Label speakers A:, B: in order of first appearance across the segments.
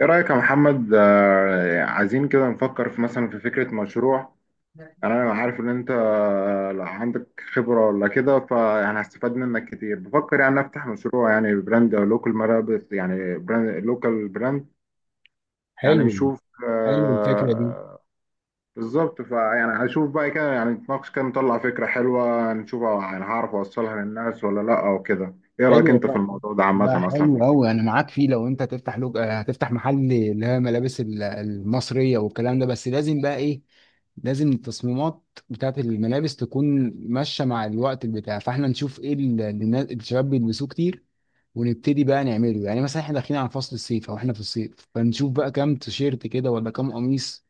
A: ايه رأيك يا محمد، عايزين كده نفكر في مثلا في فكرة مشروع. انا عارف ان انت لا عندك خبرة ولا كده، فيعني هستفاد منك كتير. بفكر يعني افتح مشروع، يعني براند او لوكال ملابس، يعني براند لوكال براند. يعني
B: حلو.
A: نشوف.
B: حلو الفكرة دي
A: آه، بالظبط، فيعني هشوف بقى كده، يعني نتناقش كده نطلع فكرة حلوة، نشوف يعني هعرف اوصلها للناس ولا لا او كده. ايه رأيك انت في
B: حلوة.
A: الموضوع ده
B: لا،
A: عامة اصلا في
B: حلو قوي،
A: الفكرة؟
B: انا معاك فيه. لو انت هتفتح لوج هتفتح محل اللي هي ملابس المصريه والكلام ده، بس لازم بقى ايه؟ لازم التصميمات بتاعت الملابس تكون ماشيه مع الوقت البتاع، فاحنا نشوف ايه اللي الشباب بيلبسوه كتير، ونبتدي بقى نعمله. يعني مثلا احنا داخلين على فصل الصيف او احنا في الصيف، فنشوف بقى كام تيشيرت كده ولا كام قميص،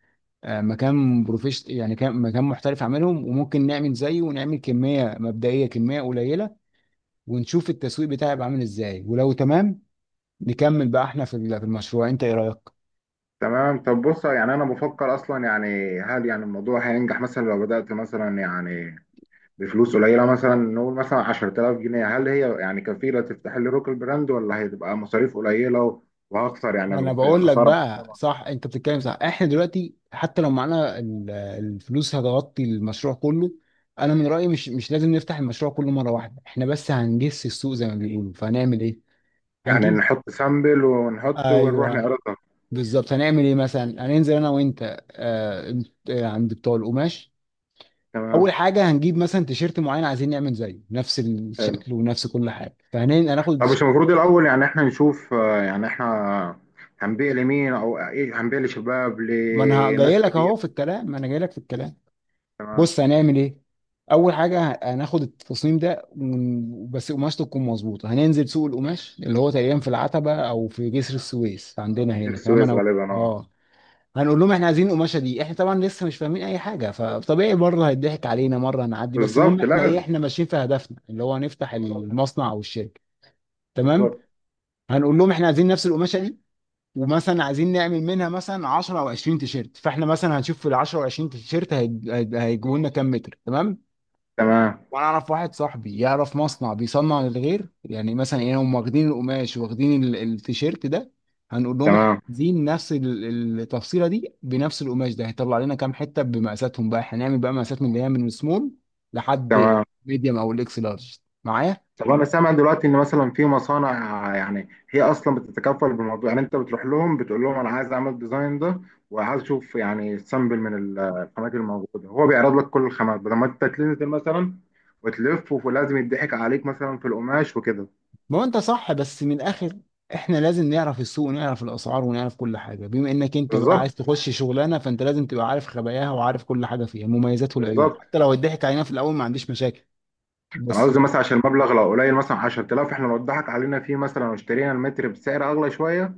B: مكان بروفيش، يعني كام مكان محترف عاملهم وممكن نعمل زيه، ونعمل كميه مبدئيه، كميه قليله، ونشوف التسويق بتاعي يبقى عامل ازاي، ولو تمام نكمل بقى احنا في في المشروع. انت ايه رايك؟
A: تمام طب بص، يعني انا بفكر اصلا، يعني هل يعني الموضوع هينجح مثلا لو بدأت مثلا يعني بفلوس قليله، مثلا نقول مثلا 10000 جنيه، هل هي يعني كفيله تفتح لي روك البراند ولا هتبقى مصاريف قليله وهخسر، يعني
B: ما انا بقول لك
A: الخساره
B: بقى،
A: محترمه.
B: صح انت بتتكلم صح، احنا دلوقتي حتى لو معانا الفلوس هتغطي المشروع كله، انا من رايي مش لازم نفتح المشروع كله مره واحده، احنا بس هنجس السوق زي ما بيقولوا، فهنعمل ايه؟
A: يعني
B: هنجيب.
A: نحط سامبل ونحط ونروح
B: ايوه،
A: نعرضها.
B: بالظبط. هنعمل ايه مثلا؟ هننزل انا وانت، آه عند بتوع القماش. اول
A: تمام
B: حاجه هنجيب مثلا تيشيرت معين عايزين نعمل زيه، نفس
A: حلو.
B: الشكل ونفس كل حاجه، فهناخد.
A: طب مش المفروض الاول يعني احنا نشوف يعني احنا هنبيع لمين او ايه، هنبيع لشباب
B: ما انا جاي
A: لناس
B: لك اهو
A: كبيره.
B: في الكلام، ما انا جاي لك في الكلام.
A: تمام،
B: بص هنعمل ايه. اول حاجه هناخد التصميم ده بس قماشته تكون مظبوطه، هننزل سوق القماش اللي هو تقريبا في العتبه او في جسر السويس عندنا
A: جسر
B: هنا، تمام؟
A: السويس
B: انا
A: غالبا اه.
B: هنقول لهم احنا عايزين القماشه دي. احنا طبعا لسه مش فاهمين اي حاجه، فطبيعي مره هيضحك علينا، مره هنعدي، بس المهم
A: بالظبط
B: احنا ايه،
A: لازم.
B: احنا ماشيين في هدفنا اللي هو نفتح المصنع او الشركه. تمام.
A: بالظبط.
B: هنقول لهم احنا عايزين نفس القماشه دي، ومثلا عايزين نعمل منها مثلا 10 او 20 تيشيرت، فاحنا مثلا هنشوف في ال 10 او 20 تيشيرت هيجيبوا لنا كام متر، تمام.
A: تمام.
B: وانا اعرف واحد صاحبي يعرف مصنع بيصنع للغير، يعني مثلا ايه، هم واخدين القماش واخدين التيشيرت ده، هنقول لهم احنا
A: تمام.
B: عايزين نفس التفصيله دي بنفس القماش ده، هيطلع لنا كام حته بمقاساتهم، بقى هنعمل بقى مقاسات من اللي هي من السمول لحد
A: تمام.
B: ميديوم او الاكس لارج. معايا؟
A: طب انا سامع دلوقتي ان مثلا في مصانع يعني هي اصلا بتتكفل بالموضوع، يعني انت بتروح لهم بتقول لهم انا عايز اعمل ديزاين ده، وعايز اشوف يعني سامبل من الخامات الموجوده. هو بيعرض لك كل الخامات بدل ما انت تنزل مثلا وتلف ولازم يضحك عليك مثلا في القماش وكده.
B: ما هو انت صح، بس من الاخر احنا لازم نعرف السوق، ونعرف الاسعار، ونعرف كل حاجه، بما انك انت بقى
A: بالظبط.
B: عايز تخش شغلانه، فانت لازم تبقى عارف خباياها وعارف كل حاجه فيها، مميزات والعيوب،
A: بالظبط.
B: حتى لو اتضحك علينا في الاول ما عنديش مشاكل.
A: انا
B: بس،
A: قصدي مثلا عشان المبلغ لو قليل مثلا 10000، احنا لو اتضحك علينا فيه مثلا واشترينا المتر بسعر اغلى شويه،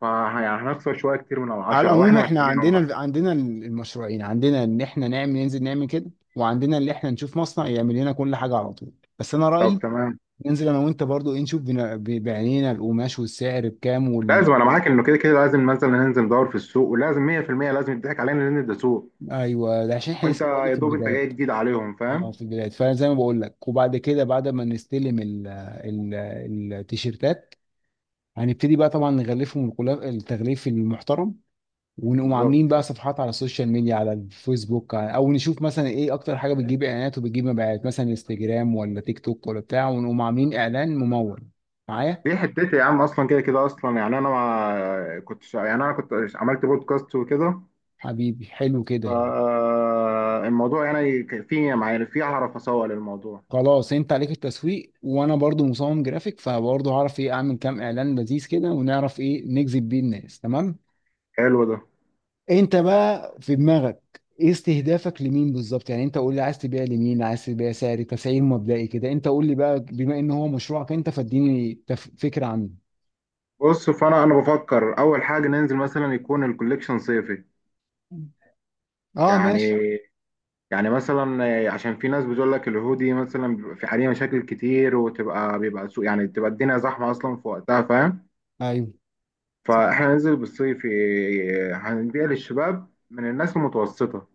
A: فهنخسر شويه كتير من ال
B: على
A: 10
B: العموم
A: واحنا
B: احنا
A: محتاجينهم مثلا.
B: عندنا المشروعين، عندنا ان احنا نعمل ننزل نعمل كده، وعندنا ان احنا نشوف مصنع يعمل لنا كل حاجه على طول، بس انا
A: طب
B: رايي
A: تمام.
B: ننزل انا وانت برضو ايه، نشوف بعينينا القماش والسعر بكام
A: لازم، انا معاك انه كده كده لازم مثلا ننزل ندور في السوق، ولازم 100% لازم يضحك علينا لان ده سوق.
B: ايوه، ده عشان احنا
A: وانت
B: لسه برضو
A: يا
B: في
A: دوب انت جاي
B: البدايات.
A: جديد عليهم،
B: اه،
A: فاهم؟
B: في البداية فانا زي ما بقول لك، وبعد كده بعد ما نستلم ال ال التيشيرتات، هنبتدي بقى طبعا نغلفهم التغليف المحترم، ونقوم عاملين
A: بالظبط.
B: بقى صفحات على السوشيال ميديا، على الفيسبوك، او نشوف مثلا ايه اكتر حاجة بتجيب اعلانات وبتجيب مبيعات، مثلا انستجرام ولا تيك توك ولا بتاع، ونقوم عاملين اعلان ممول. معايا؟
A: دي حتتي يا عم، اصلا كده كده اصلا، يعني انا ما كنت، يعني انا كنت عملت بودكاست وكده،
B: حبيبي، حلو كده.
A: فالموضوع يعني كان فيه معايا، فيه اعرف اسوق للموضوع.
B: خلاص، انت عليك التسويق، وانا برضو مصمم جرافيك، فبرضو هعرف ايه، اعمل كام اعلان لذيذ كده، ونعرف ايه نجذب بيه الناس، تمام.
A: حلو ده.
B: انت بقى في دماغك ايه؟ استهدافك لمين بالظبط؟ يعني انت قول لي عايز تبيع لمين، عايز تبيع سعر تسعير مبدئي كده، انت قول لي بقى بما ان هو مشروعك انت، فاديني فكرة عنه.
A: بص، فانا بفكر اول حاجه ننزل مثلا يكون الكوليكشن صيفي.
B: اه
A: يعني،
B: ماشي.
A: يعني مثلا عشان في ناس بتقول لك الهودي مثلا بيبقى في عليه مشاكل كتير، وتبقى بيبقى سوق، يعني تبقى الدنيا زحمه اصلا في وقتها، فاهم؟
B: ايوه
A: فاحنا ننزل بالصيف، هنبيع للشباب من الناس المتوسطه.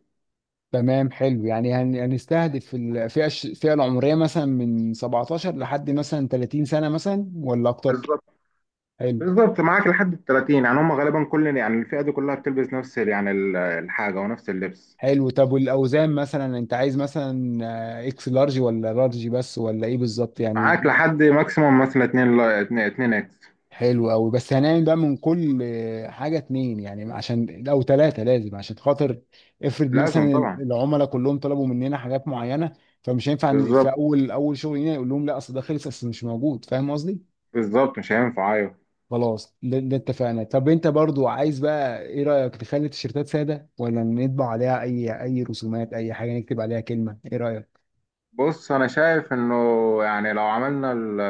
B: تمام، حلو، يعني هنستهدف الفئة الفئة العمرية مثلا من 17 لحد مثلا 30 سنة مثلا، ولا اكتر؟
A: بالظبط.
B: حلو.
A: بالظبط معاك لحد ال 30، يعني هم غالبا كل، يعني الفئه دي كلها بتلبس نفس يعني الحاجه ونفس اللبس.
B: حلو. طب والاوزان مثلا؟ انت عايز مثلا اكس لارج ولا لارج بس، ولا ايه بالظبط يعني؟
A: معاك لحد ماكسيموم مثلا 2 2 اكس.
B: حلو قوي. بس هنعمل بقى من كل حاجه اتنين، يعني عشان، او ثلاثه لازم، عشان خاطر افرض
A: لازم
B: مثلا
A: طبعا.
B: العملاء كلهم طلبوا مننا حاجات معينه، فمش هينفع إن في
A: بالظبط.
B: اول اول شغل هنا يقول لهم لا، اصل ده خلص، اصل مش موجود، فاهم قصدي؟
A: بالظبط مش هينفع، ايوه.
B: خلاص، ده اتفقنا. طب انت برضو عايز بقى، ايه رايك تخلي التيشيرتات ساده ولا نطبع عليها اي رسومات، اي حاجه نكتب عليها كلمه، ايه رايك؟
A: بص انا شايف انه يعني لو عملنا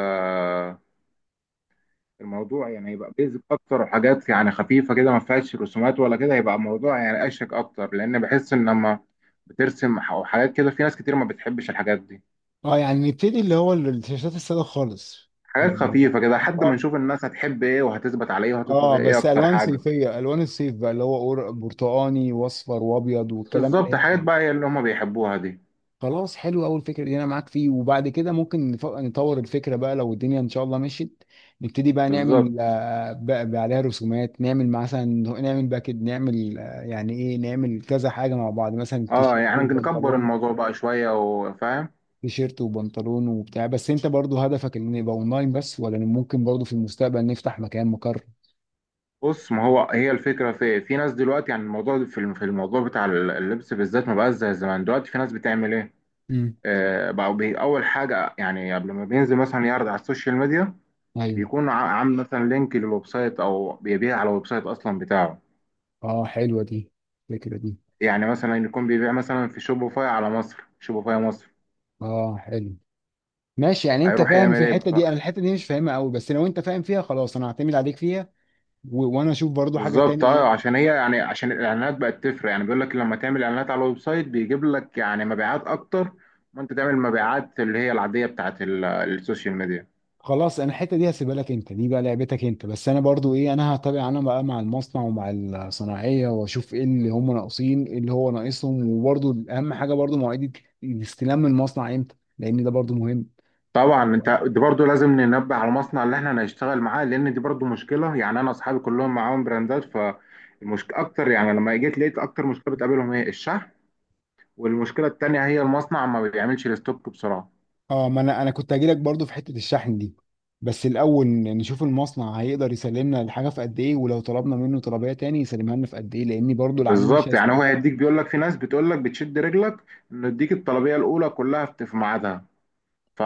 A: الموضوع، يعني يبقى بيزك اكتر وحاجات يعني خفيفه كده ما فيهاش رسومات ولا كده، يبقى الموضوع يعني اشيك اكتر، لان بحس ان لما بترسم حاجات كده في ناس كتير ما بتحبش الحاجات دي.
B: اه، يعني نبتدي اللي هو التيشيرتات الساده خالص.
A: حاجات
B: يعني
A: خفيفه كده لحد ما نشوف الناس هتحب ايه وهتثبت على ايه وهتطلب
B: اه،
A: ايه
B: بس
A: اكتر
B: الوان
A: حاجه.
B: صيفيه، الوان الصيف بقى اللي هو برتقاني واصفر وابيض والكلام اللي
A: بالظبط،
B: هي.
A: حاجات بقى هي اللي هم بيحبوها دي.
B: خلاص، حلو قوي الفكره دي، انا معاك فيه. وبعد كده ممكن نطور الفكره بقى لو الدنيا ان شاء الله مشيت، نبتدي بقى
A: بالظبط.
B: نعمل، بقى عليها رسومات، نعمل مثلا، نعمل باكت، نعمل، يعني ايه، نعمل كذا حاجه مع بعض مثلا،
A: اه
B: التيشيرت
A: يعني نكبر
B: والبنطلون،
A: الموضوع بقى شويه وفاهم.
B: تيشيرت وبنطلون وبتاع. بس انت برضو هدفك ان يبقى اونلاين بس، ولا ممكن برضو في المستقبل نفتح مكان مقر؟
A: بص، ما هو هي الفكره في إيه؟ في ناس دلوقتي يعني الموضوع في في الموضوع بتاع اللبس بالذات ما بقاش زي زمان. دلوقتي في ناس بتعمل ايه،
B: مم.
A: بقوا اول حاجه يعني قبل ما بينزل مثلا يعرض على السوشيال ميديا،
B: ايوه.
A: بيكون عامل مثلا لينك للويب سايت او بيبيع على الويب سايت اصلا بتاعه.
B: اه، حلوه دي، الفكره دي.
A: يعني مثلا يكون بيبيع مثلا في شوبيفاي، على مصر شوبيفاي مصر.
B: اه حلو. ماشي، يعني انت
A: هيروح
B: فاهم في
A: يعمل ايه
B: الحته دي، انا الحته دي مش فاهمها قوي، بس لو انت فاهم فيها، خلاص انا هعتمد عليك فيها. وانا اشوف برضو حاجه
A: بالظبط
B: تاني
A: اه،
B: ايه.
A: عشان هي يعني عشان الاعلانات بقت تفرق، يعني بيقول لك لما تعمل اعلانات على الويب سايت بيجيب لك يعني مبيعات اكتر ما انت تعمل مبيعات اللي هي العاديه بتاعت السوشيال ميديا.
B: خلاص، انا الحته دي هسيبها لك انت، دي بقى لعبتك انت، بس انا برضو ايه، انا هتابع انا بقى مع المصنع ومع الصناعيه، واشوف ايه اللي هم ناقصين، ايه اللي هو ناقصهم، وبرضو اهم حاجه برضو، مواعيد الاستلام من المصنع امتى، لان ده برضو مهم.
A: طبعا انت دي برضو لازم ننبه على المصنع اللي احنا هنشتغل معاه، لان دي برضو مشكله. يعني انا اصحابي كلهم معاهم براندات، فالمشكله اكتر، يعني لما جيت لقيت اكتر مشكله بتقابلهم هي الشحن. والمشكله التانيه هي المصنع ما بيعملش الستوك بسرعه.
B: اه، ما انا انا كنت هجيلك برضو في حته الشحن دي، بس الاول نشوف المصنع هيقدر يسلمنا الحاجه في قد ايه، ولو طلبنا منه طلبيه تاني يسلمها لنا في قد ايه، لان برضو العميل مش
A: بالظبط، يعني هو
B: هيستنانا.
A: هيديك، بيقول لك في ناس بتقول لك بتشد رجلك انه يديك الطلبيه الاولى كلها في ميعادها.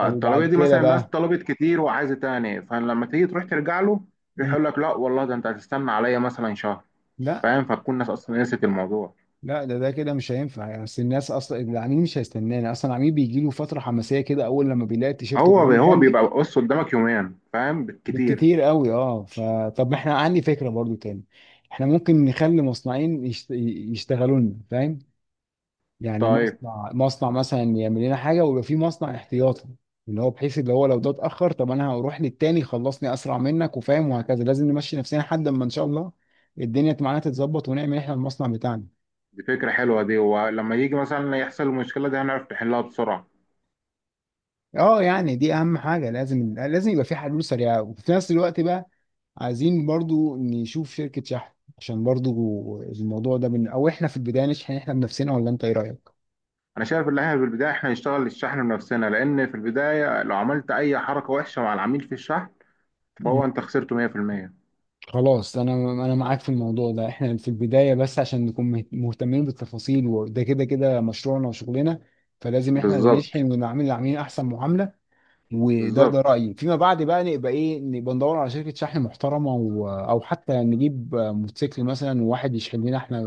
B: طب وبعد
A: دي
B: كده
A: مثلا الناس
B: بقى.
A: طلبت كتير وعايزه تاني، فلما تيجي تروح ترجع له يروح
B: مم.
A: يقول لك لا والله ده انت هتستنى عليا مثلا شهر،
B: لا،
A: فاهم؟ فتكون الناس اصلا نسيت الموضوع.
B: لا، ده كده مش هينفع، يعني اصل الناس اصلا، العميل مش هيستنانا، اصلا العميل بيجي له فتره حماسيه كده اول لما بيلاقي التيشيرت
A: هو
B: قدامه
A: هو
B: حلو.
A: بيبقى بص قدامك يومين فاهم، بالكتير.
B: بالكتير قوي اه. فطب احنا، عندي فكره برضو تاني، احنا ممكن نخلي مصنعين يشتغلوا لنا، فاهم؟ يعني
A: طيب.
B: مصنع مثلا يعمل لنا حاجه، ويبقى في مصنع احتياطي، اللي هو بحيث اللي هو لو ده اتاخر، طب انا هروح للتاني، خلصني اسرع منك، وفاهم، وهكذا، لازم نمشي نفسنا لحد ما ان شاء الله الدنيا معانا تتظبط ونعمل احنا المصنع بتاعنا.
A: دي فكرة حلوة دي، ولما يجي مثلا يحصل المشكلة دي هنعرف نحلها بسرعة.
B: اه، يعني دي اهم حاجه، لازم لازم يبقى في حلول سريعه. وفي نفس الوقت بقى، عايزين برضو نشوف شركه شحن، عشان برضو الموضوع ده من، او احنا في البدايه نشحن احنا بنفسنا، ولا انت ايه
A: أنا شايف إن إحنا في البداية إحنا نشتغل الشحن بنفسنا، لأن في البداية لو عملت أي حركة وحشة مع العميل في الشحن فهو
B: رايك؟
A: أنت خسرته 100%.
B: خلاص، انا انا معاك في الموضوع ده، احنا في البدايه بس، عشان نكون مهتمين بالتفاصيل، وده كده كده مشروعنا وشغلنا، فلازم احنا اللي
A: بالظبط.
B: نشحن، ونعمل للعميل احسن معامله. وده ده
A: بالظبط.
B: رايي. فيما بعد بقى نبقى ايه، نبقى ندور على شركه شحن محترمه او حتى نجيب موتوسيكل مثلا، وواحد يشحن لنا احنا،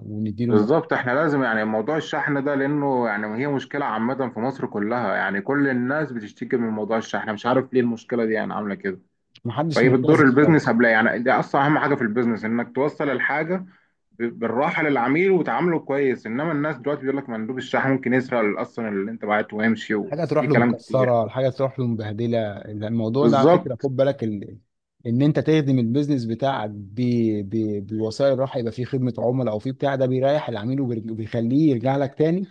B: ونديله مرتب.
A: بالظبط إحنا لازم يعني موضوع الشحن ده، لأنه يعني هي مشكلة عامة في مصر كلها، يعني كل الناس بتشتكي من موضوع الشحن. مش عارف ليه المشكلة دي يعني عاملة كده.
B: محدش
A: فهي بتضر
B: ملتزم
A: البيزنس
B: خالص.
A: قبلها، يعني ده اصلا اهم حاجه في البيزنس انك توصل الحاجه بالراحه للعميل وتعامله كويس، انما الناس دلوقتي بيقول لك مندوب الشحن ممكن يسرق اصلا اللي انت بعته ويمشي،
B: حاجه
A: وفي
B: تروح له
A: كلام كتير.
B: مكسره، الحاجه تروح له مبهدله. الموضوع ده على فكره
A: بالظبط.
B: خد بالك ان انت تخدم البيزنس بتاعك بالوسائل، راح يبقى فيه خدمه عملاء، او فيه بتاع ده بيريح العميل وبيخليه يرجع لك تاني،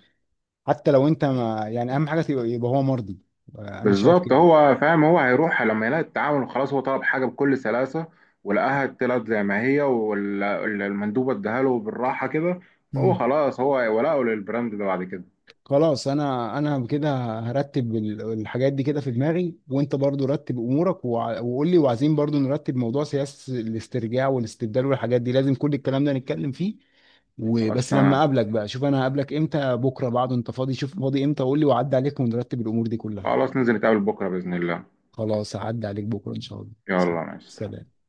B: حتى لو انت ما، يعني اهم حاجه يبقى هو مرضي. انا شايف
A: بالظبط
B: كده.
A: هو فاهم. هو هيروح لما يلاقي التعامل خلاص، هو طلب حاجه بكل سلاسه ولقاها طلعت زي ما هي والمندوبه اداها له بالراحه كده، فهو
B: مم.
A: خلاص هو ولاءه للبراند ده بعد كده.
B: خلاص، انا انا كده هرتب الحاجات دي كده في دماغي، وانت برضو رتب امورك وقول لي. وعايزين برضو نرتب موضوع سياسة الاسترجاع والاستبدال والحاجات دي، لازم كل الكلام ده نتكلم فيه.
A: خلاص
B: وبس لما
A: تمام.
B: اقابلك بقى، شوف انا هقابلك امتى، بكره بعده، انت فاضي، شوف فاضي امتى وقول لي، وعدي عليك ونرتب الامور دي كلها.
A: خلاص ننزل نتقابل بكره باذن الله.
B: خلاص، هعدي عليك بكره ان شاء الله.
A: يلا مع السلامه.
B: سلام.